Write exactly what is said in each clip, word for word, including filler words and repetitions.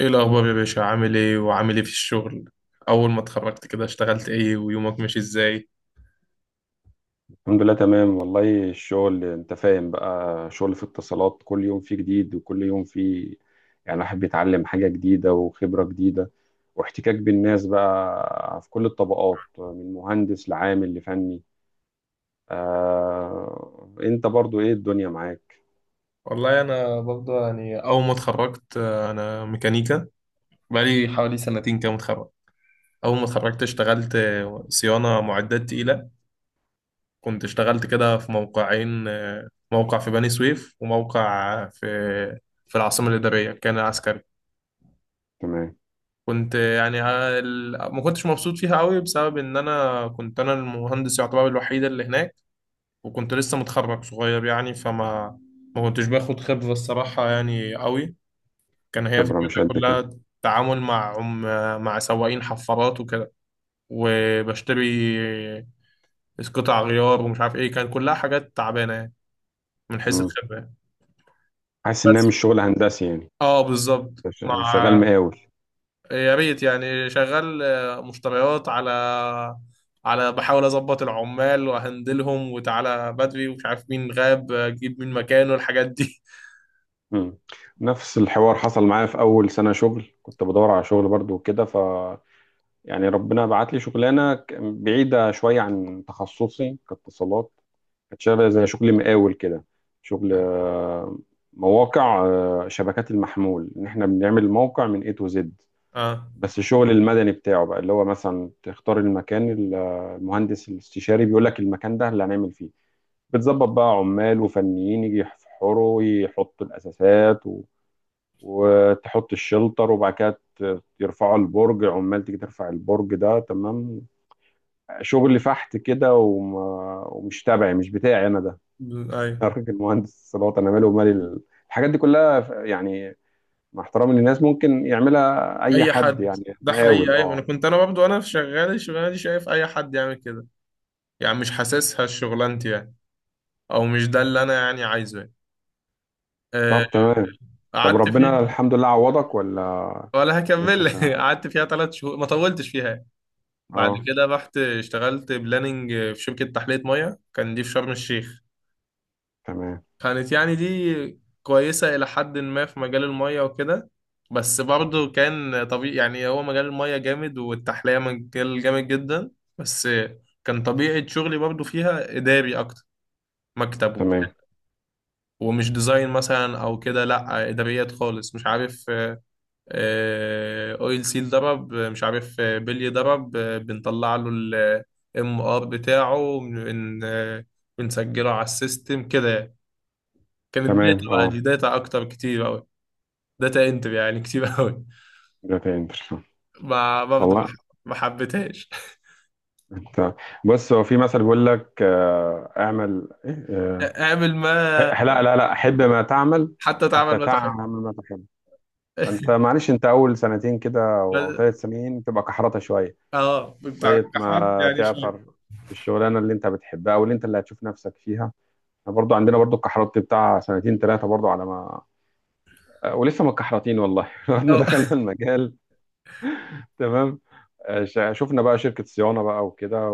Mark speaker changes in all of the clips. Speaker 1: ايه الاخبار يا باشا، عامل ايه وعامل ايه في الشغل؟ اول ما اتخرجت كده اشتغلت ايه ويومك ماشي ازاي؟
Speaker 2: الحمد لله تمام. والله الشغل انت فاهم بقى، شغل في اتصالات كل يوم فيه جديد وكل يوم فيه يعني الواحد بيتعلم حاجة جديدة وخبرة جديدة واحتكاك بالناس بقى في كل الطبقات من مهندس لعامل لفني. آه، انت برضو ايه الدنيا معاك؟
Speaker 1: والله انا برضه يعني اول ما اتخرجت، آه، انا ميكانيكا. بقالي حوالي سنتين كده متخرج. اول ما اتخرجت اشتغلت آه، صيانة معدات تقيلة. كنت اشتغلت كده في موقعين، آه، موقع في بني سويف وموقع في في العاصمة الإدارية، كان عسكري.
Speaker 2: تمام.
Speaker 1: كنت آه، يعني آه، ال- ما كنتش مبسوط فيها قوي بسبب ان انا كنت انا المهندس يعتبر الوحيد اللي هناك، وكنت لسه متخرج صغير يعني فما ما كنتش باخد خبرة الصراحة يعني قوي. كان هي
Speaker 2: خبرة مش
Speaker 1: فكرتها
Speaker 2: قد كده.
Speaker 1: كلها تعامل مع عم، مع سواقين حفارات وكده، وبشتري قطع غيار ومش عارف ايه، كان كلها حاجات تعبانة يعني من حيث
Speaker 2: مم.
Speaker 1: الخبرة يعني.
Speaker 2: حاسس انها
Speaker 1: بس
Speaker 2: مش شغل هندسي يعني.
Speaker 1: اه بالظبط.
Speaker 2: ش- شغال
Speaker 1: مع،
Speaker 2: مقاول.
Speaker 1: يا ريت يعني شغال آه، مشتريات، على على بحاول اظبط العمال واهندلهم وتعالى بدري ومش عارف مين غاب اجيب مين مكانه الحاجات دي.
Speaker 2: مم. نفس الحوار حصل معايا في اول سنة شغل، كنت بدور على شغل برضو وكده. ف يعني ربنا بعت لي شغلانه ك- بعيده شويه عن تخصصي كاتصالات، كانت شبه زي شغل مقاول كده. شغل آه، مواقع، آه، شبكات المحمول، ان احنا بنعمل الموقع من اي تو زد.
Speaker 1: اه،
Speaker 2: بس الشغل المدني بتاعه بقى اللي هو مثلا تختار المكان ال- آه، المهندس الاستشاري بيقول لك المكان ده اللي هنعمل فيه. بتظبط بقى عمال وفنيين يجي يحفروا يحطوا الاساسات و... وتحط الشلتر وبعد كده ت- يرفعوا البرج، عمال تيجي ترفع البرج ده، تمام. شغل فحت كده. وما ومش تبعي، مش بتاعي انا ده.
Speaker 1: ايوه.
Speaker 2: انا راجل مهندس اتصالات، انا مالي ومالي ال- الحاجات دي كلها. ف- يعني مع احترامي للناس ممكن يعملها اي
Speaker 1: اي
Speaker 2: حد،
Speaker 1: حد،
Speaker 2: يعني
Speaker 1: ده
Speaker 2: مقاول،
Speaker 1: حقيقي. ايوه انا
Speaker 2: اه.
Speaker 1: كنت انا برضه وانا شغال الشغلانه دي شايف اي حد يعمل كده، يعني مش حاسسها شغلانتي يعني، او مش ده اللي انا يعني عايزه يعني. آه،
Speaker 2: طب تمام. طب
Speaker 1: قعدت
Speaker 2: ربنا
Speaker 1: فيها،
Speaker 2: الحمد لله عوضك ولا
Speaker 1: ولا
Speaker 2: لسه
Speaker 1: هكمل.
Speaker 2: شغال؟
Speaker 1: قعدت فيها ثلاث شهور، ما طولتش فيها. بعد
Speaker 2: اه
Speaker 1: كده رحت اشتغلت بلاننج في شركه تحليه ميه، كان دي في شرم الشيخ.
Speaker 2: تمام.
Speaker 1: كانت يعني دي كويسة إلى حد ما في مجال المية وكده. بس برضه كان طبيعي يعني، هو مجال المية جامد والتحلية مجال جامد جدا، بس كان طبيعة شغلي برضه فيها إداري أكتر، مكتب وبتاع.
Speaker 2: تمام.
Speaker 1: ومش ديزاين مثلا أو كده، لأ إداريات خالص مش عارف، آه، أويل سيل ضرب، مش عارف آه، بلي ضرب، آه، بنطلع له ال ام ار بتاعه، بن- بن- آه، بنسجله على السيستم كده يعني. كانت
Speaker 2: تمام.
Speaker 1: داتا بقى،
Speaker 2: اه.
Speaker 1: دي داتا أكتر كتير أوي. داتا انتر يعني كتير قوي.
Speaker 2: ده تاني.
Speaker 1: ما برضه
Speaker 2: والله،
Speaker 1: ما حبيتهاش.
Speaker 2: انت بص، هو في مثل بيقول لك آه، اعمل إيه؟ آه،
Speaker 1: اعمل ما،
Speaker 2: ح- لا لا لا، احب ما تعمل،
Speaker 1: حتى تعمل
Speaker 2: حتى
Speaker 1: ما تحب.
Speaker 2: تعمل ما تحب. انت معلش، انت اول سنتين كده او او
Speaker 1: بس-
Speaker 2: ثلاث سنين تبقى كحرطه شويه
Speaker 1: اه بتاع
Speaker 2: لغايه
Speaker 1: احمد
Speaker 2: ما
Speaker 1: يعني شويه.
Speaker 2: تعطر في الشغلانه اللي انت بتحبها او اللي انت اللي هتشوف نفسك فيها. احنا برضو عندنا برضو الكحرطه بتاع سنتين ثلاثه برضو على ما آه، ولسه ما اتكحرطين والله. لغايه ما
Speaker 1: اه،
Speaker 2: دخلنا المجال تمام. آه، ش- شفنا بقى شركة صيانة بقى وكده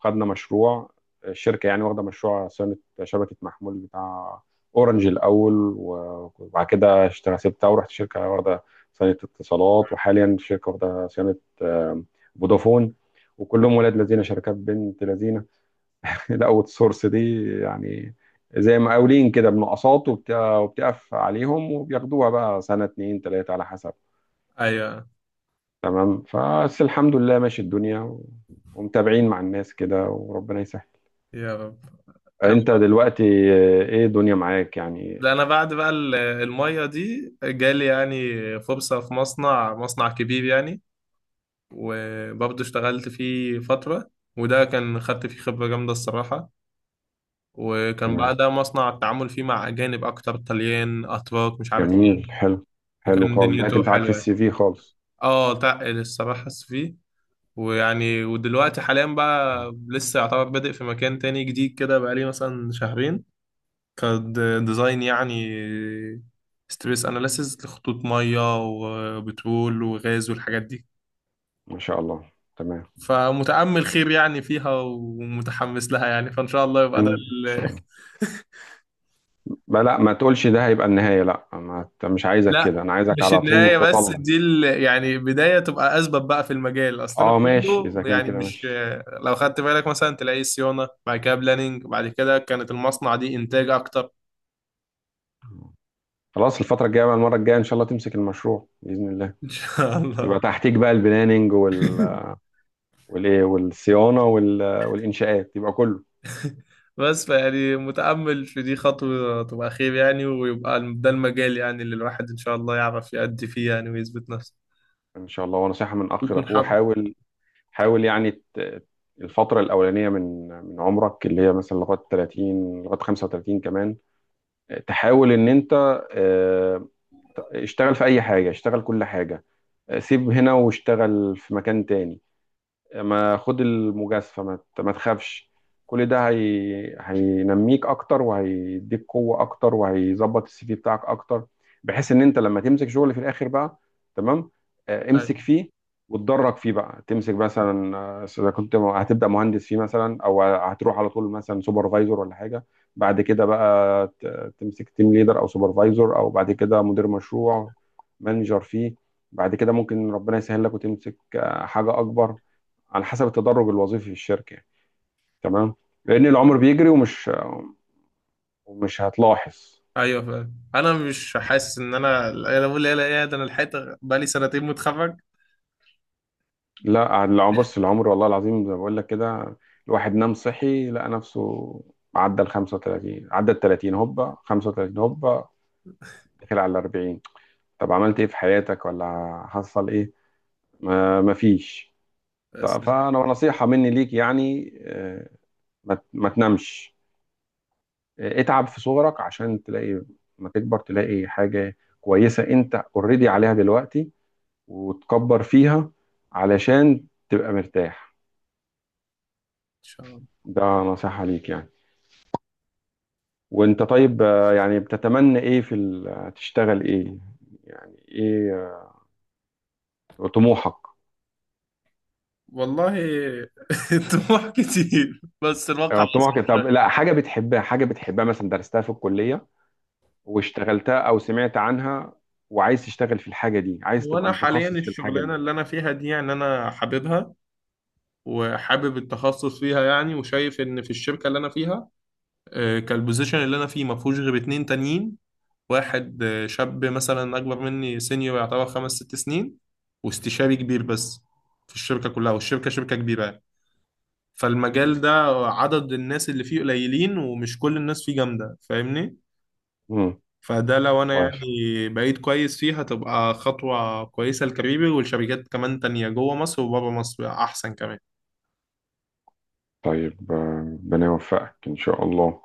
Speaker 2: وخدنا مشروع. الشركة يعني واخدة مشروع صيانة شبكة محمول بتاع أورنج الأول، و- وبعد كده اشتغل سبتها ورحت شركة واخدة صيانة اتصالات، وحاليا شركة واخدة صيانة آه، فودافون. وكلهم ولاد لذينة، شركات بنت لذينة. الأوت سورس دي يعني زي مقاولين كده، بنقصات، وبت- وبتقف عليهم وبياخدوها بقى سنة اتنين تلاتة على حسب.
Speaker 1: ايوه،
Speaker 2: تمام. فبس الحمد لله ماشي الدنيا و- ومتابعين مع الناس كده وربنا يسهل.
Speaker 1: يا رب. انا،
Speaker 2: انت دلوقتي آه، ايه الدنيا معاك يعني؟
Speaker 1: ده انا بعد بقى ال- الميه دي جالي يعني فرصه في مصنع، مصنع كبير يعني، وبرضه اشتغلت فيه فتره. وده كان خدت فيه خبره جامده الصراحه. وكان
Speaker 2: تمام.
Speaker 1: بعدها مصنع التعامل فيه مع اجانب اكتر، طليان اتراك مش عارف ايه.
Speaker 2: جميل. حلو. حلو
Speaker 1: وكان
Speaker 2: خالص، ده
Speaker 1: دنيته
Speaker 2: هتنفعك في
Speaker 1: حلوه،
Speaker 2: السي في خالص.
Speaker 1: اه تقل الصراحة فيه. ويعني ودلوقتي حاليا بقى لسه يعتبر بادئ في مكان تاني جديد كده، بقالي مثلا شهرين، كديزاين يعني، ستريس اناليسيز لخطوط مية وبترول وغاز والحاجات دي.
Speaker 2: ما شاء الله، تمام.
Speaker 1: فمتأمل خير يعني فيها ومتحمس لها يعني، فإن شاء الله يبقى ده.
Speaker 2: ان شاء الله. لا لا، ما تقولش ده هيبقى النهاية، لا، ما ت- مش عايزك كده،
Speaker 1: لا،
Speaker 2: انا عايزك
Speaker 1: مش
Speaker 2: على طول
Speaker 1: النهاية، بس
Speaker 2: متطلع.
Speaker 1: دي ال... يعني بداية تبقى أسبب بقى في المجال، أصل أنا
Speaker 2: اه ماشي،
Speaker 1: كله
Speaker 2: اذا كان
Speaker 1: يعني
Speaker 2: كده
Speaker 1: مش.
Speaker 2: ماشي.
Speaker 1: لو خدت بالك مثلا تلاقي صيانة بعد كده بلاننج بعد كده كانت المصنع دي إنتاج أكتر.
Speaker 2: خلاص الفترة الجاية بقى، المرة الجاية ان شاء الله تمسك المشروع بإذن الله.
Speaker 1: إن شاء الله.
Speaker 2: يبقى تحتيك بقى البلاننج وال والايه والصيانه وال... والانشاءات، يبقى كله
Speaker 1: بس فيعني متأمل في دي خطوة تبقى خير يعني، ويبقى ده المجال يعني اللي الواحد إن شاء الله يعرف يأدي فيه يعني ويثبت نفسه
Speaker 2: ان شاء الله. ونصيحه من اخ
Speaker 1: ويكون
Speaker 2: لاخوه،
Speaker 1: حابب.
Speaker 2: حاول، حاول يعني ت... الفتره الاولانيه من من عمرك، اللي هي مثلا لغايه تلاتين لغايه خمسة وتلاتين كمان، تحاول ان انت آه، اشتغل في اي حاجه، اشتغل كل حاجه، آه، سيب هنا واشتغل في مكان تاني، ما خد المجازفة، ما ت- ما تخافش. كل ده هي... هينميك اكتر وهيديك قوة اكتر وهيظبط السي في بتاعك اكتر، بحيث ان انت لما تمسك شغل في الاخر بقى تمام، آه، امسك
Speaker 1: أيوة.
Speaker 2: فيه وتدرج فيه بقى. تمسك مثلا آه، اذا كنت م- هتبدا مهندس فيه مثلا او هتروح على طول مثلا سوبرفايزر ولا حاجه، بعد كده بقى ت- تمسك تيم ليدر او سوبرفايزر، او بعد كده مدير مشروع، مانجر فيه. بعد كده ممكن ربنا يسهل لك وتمسك آه، حاجه اكبر، على حسب التدرج الوظيفي في الشركه يعني. تمام. لان العمر بيجري ومش ومش هتلاحظ.
Speaker 1: أيوة فعلا، أنا مش حاسس إن أنا أنا بقول لا لا إيه ده، أنا لحقت، بقالي سنتين متخرج.
Speaker 2: لا الع- بص العمر والله العظيم زي ما بقول لك كده، الواحد نام صحي لقى نفسه عدى ال خمسة وثلاثين، عدى ال ثلاثين هوبا، خمسة وثلاثين هوبا، داخل على ال اربعين. طب عملت ايه في حياتك ولا حصل ايه؟ ما مفيش. طب
Speaker 1: بس إن
Speaker 2: فانا نصيحه مني ليك يعني، آه، ما ت- ما تنامش. آه، اتعب في صغرك عشان تلاقي ما تكبر تلاقي حاجه كويسه انت اوريدي عليها دلوقتي وتكبر فيها، علشان تبقى مرتاح.
Speaker 1: شاء الله.
Speaker 2: ده نصيحة ليك يعني. وانت طيب آه، يعني بتتمنى ايه في ال- تشتغل ايه؟ يعني ايه آه، طموحك؟
Speaker 1: والله الطموح كتير بس الواقع
Speaker 2: آه، طموحك.
Speaker 1: أصعب
Speaker 2: طب لا،
Speaker 1: شوية.
Speaker 2: حاجة بتحبها، حاجة بتحبها مثلا درستها في الكلية واشتغلتها او سمعت عنها وعايز تشتغل في الحاجة دي، عايز
Speaker 1: هو
Speaker 2: تبقى
Speaker 1: أنا حاليا
Speaker 2: متخصص في الحاجة دي.
Speaker 1: الشغلانة اللي أنا فيها دي يعني أنا حاببها، وحابب التخصص فيها يعني، وشايف إن في الشركة اللي أنا فيها آه، كالبوزيشن اللي أنا فيه ما فيهوش غير اتنين تانيين. واحد آه، شاب مثلا أكبر مني سينيور يعتبر خمس ست سنين، واستشاري كبير، بس في الشركة كلها، والشركة شركة كبيرة يعني. فالمجال
Speaker 2: تمام.
Speaker 1: ده عدد الناس اللي فيه قليلين ومش كل الناس فيه جامدة، فاهمني؟
Speaker 2: مم.
Speaker 1: فده لو انا
Speaker 2: كويس.
Speaker 1: يعني بقيت كويس فيه هتبقى خطوة كويسة لكاريري، والشركات كمان تانية جوه مصر وبره مصر احسن كمان.
Speaker 2: طيب آه، ربنا يوفقك ان شاء الله.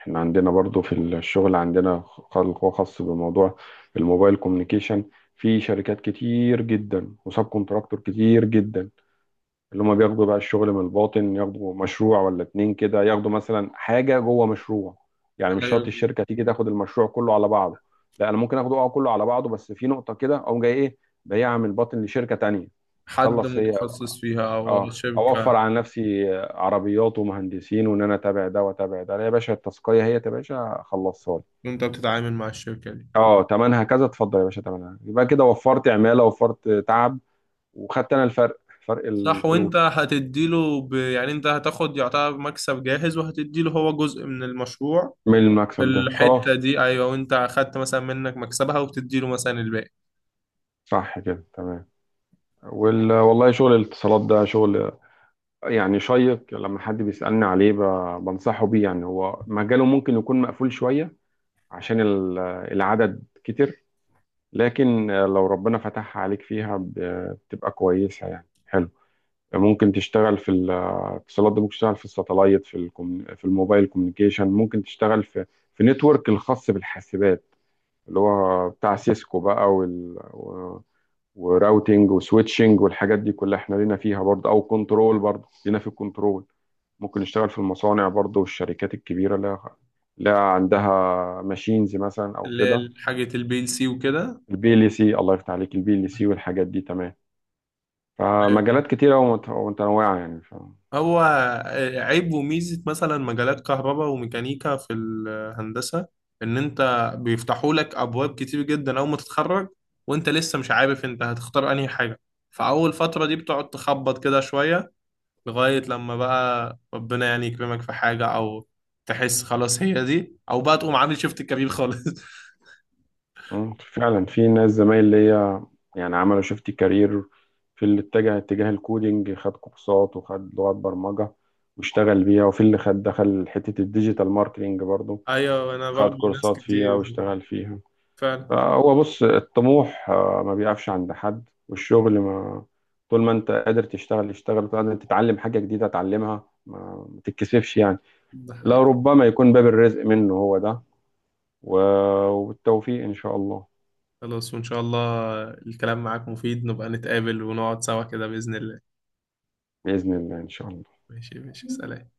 Speaker 2: احنا عندنا برضو في الشغل عندنا خلق خاص بموضوع الموبايل كوميونيكيشن. في شركات كتير جدا وسب كونتراكتور كتير جدا، اللي هم بياخدوا بقى الشغل من الباطن، ياخدوا مشروع ولا اتنين كده، ياخدوا مثلا حاجة جوه مشروع. يعني مش شرط
Speaker 1: أيوة،
Speaker 2: الشركة تيجي تاخد المشروع كله على بعضه. لا، انا ممكن اخده اه كله على بعضه، بس في نقطة كده اقوم جاي ايه بايعها من الباطن لشركة تانية
Speaker 1: حد
Speaker 2: تخلص هي.
Speaker 1: متخصص فيها او
Speaker 2: اه،
Speaker 1: شركة.
Speaker 2: اوفر على نفسي عربيات ومهندسين، وان انا اتابع ده واتابع ده، لا يا باشا التسقيه هي يا باشا خلصها لي.
Speaker 1: وانت بتتعامل مع الشركة دي.
Speaker 2: اه، تمنها كذا، اتفضل يا باشا، تمنها يبقى كده، وفرت عماله وفرت تعب، وخدت انا الفرق، فرق
Speaker 1: صح. وانت
Speaker 2: الفلوس،
Speaker 1: هتديله ب... يعني انت هتاخد يعتبر مكسب جاهز وهتديله هو جزء من المشروع.
Speaker 2: من
Speaker 1: في
Speaker 2: المكسب ده،
Speaker 1: الحتة
Speaker 2: خلاص.
Speaker 1: دي ايوه، وانت اخدت مثلا منك مكسبها وبتديله مثلا الباقي.
Speaker 2: صح كده، تمام. وال... والله شغل الاتصالات ده شغل يعني شيق. لما حد بيسألني عليه ب... بنصحه بيه. يعني هو مجاله ممكن يكون مقفول شوية عشان ال- العدد كتير، لكن آه، لو ربنا فتحها عليك فيها ب- بتبقى كويسة يعني، حلو. ممكن تشتغل في الاتصالات ده، ممكن تشتغل في الساتلايت، في الكم... في الموبايل كوميونيكيشن، ممكن تشتغل في في نتورك الخاص بالحاسبات، اللي هو بتاع سيسكو بقى وال... و... وراوتينج وسويتشنج والحاجات دي كلها احنا لينا فيها برضه، او كنترول برضه لينا في الكنترول. ممكن نشتغل في المصانع برضه والشركات الكبيرة اللي لها عندها ماشينز مثلا او
Speaker 1: اللي
Speaker 2: كده.
Speaker 1: هي حاجة البي ال سي وكده.
Speaker 2: البي ال سي، الله يفتح عليك، البي ال سي والحاجات دي، تمام. فمجالات كتيرة ومت- ومتنوعة يعني ف...
Speaker 1: هو عيب وميزة مثلا مجالات كهرباء وميكانيكا في الهندسة إن أنت بيفتحوا لك أبواب كتير جدا أول ما تتخرج، وأنت لسه مش عارف أنت هتختار أنهي حاجة، فأول فترة دي بتقعد تخبط كده شوية، لغاية لما بقى ربنا يعني يكرمك في حاجة، أو تحس خلاص هي دي، أو بقى تقوم عامل شيفت كبير خالص.
Speaker 2: مم، فعلا في ناس زمايل ليا يعني عملوا شيفت كارير. في اللي اتجه اتجاه الكودينج، خد كورسات وخد لغات برمجة واشتغل بيها، وفي اللي خد دخل حتة الديجيتال ماركتينج برضو،
Speaker 1: أيوة أنا
Speaker 2: خد
Speaker 1: برضه ناس
Speaker 2: كورسات فيها
Speaker 1: كتير.
Speaker 2: واشتغل فيها.
Speaker 1: فعلا.
Speaker 2: فهو بص الطموح آه، ما بيقفش عند حد، والشغل ما طول ما انت قادر تشتغل اشتغل، طول ما انت تتعلم حاجة جديدة اتعلمها، ما ما تتكسفش يعني.
Speaker 1: ده
Speaker 2: لا
Speaker 1: حقيقي.
Speaker 2: ربما يكون باب الرزق منه هو ده و- والتوفيق إن شاء الله.
Speaker 1: خلاص وإن شاء الله، الكلام معاك مفيد، نبقى نتقابل ونقعد سوا كده بإذن الله.
Speaker 2: بإذن الله إن شاء الله.
Speaker 1: ماشي ماشي، سلام.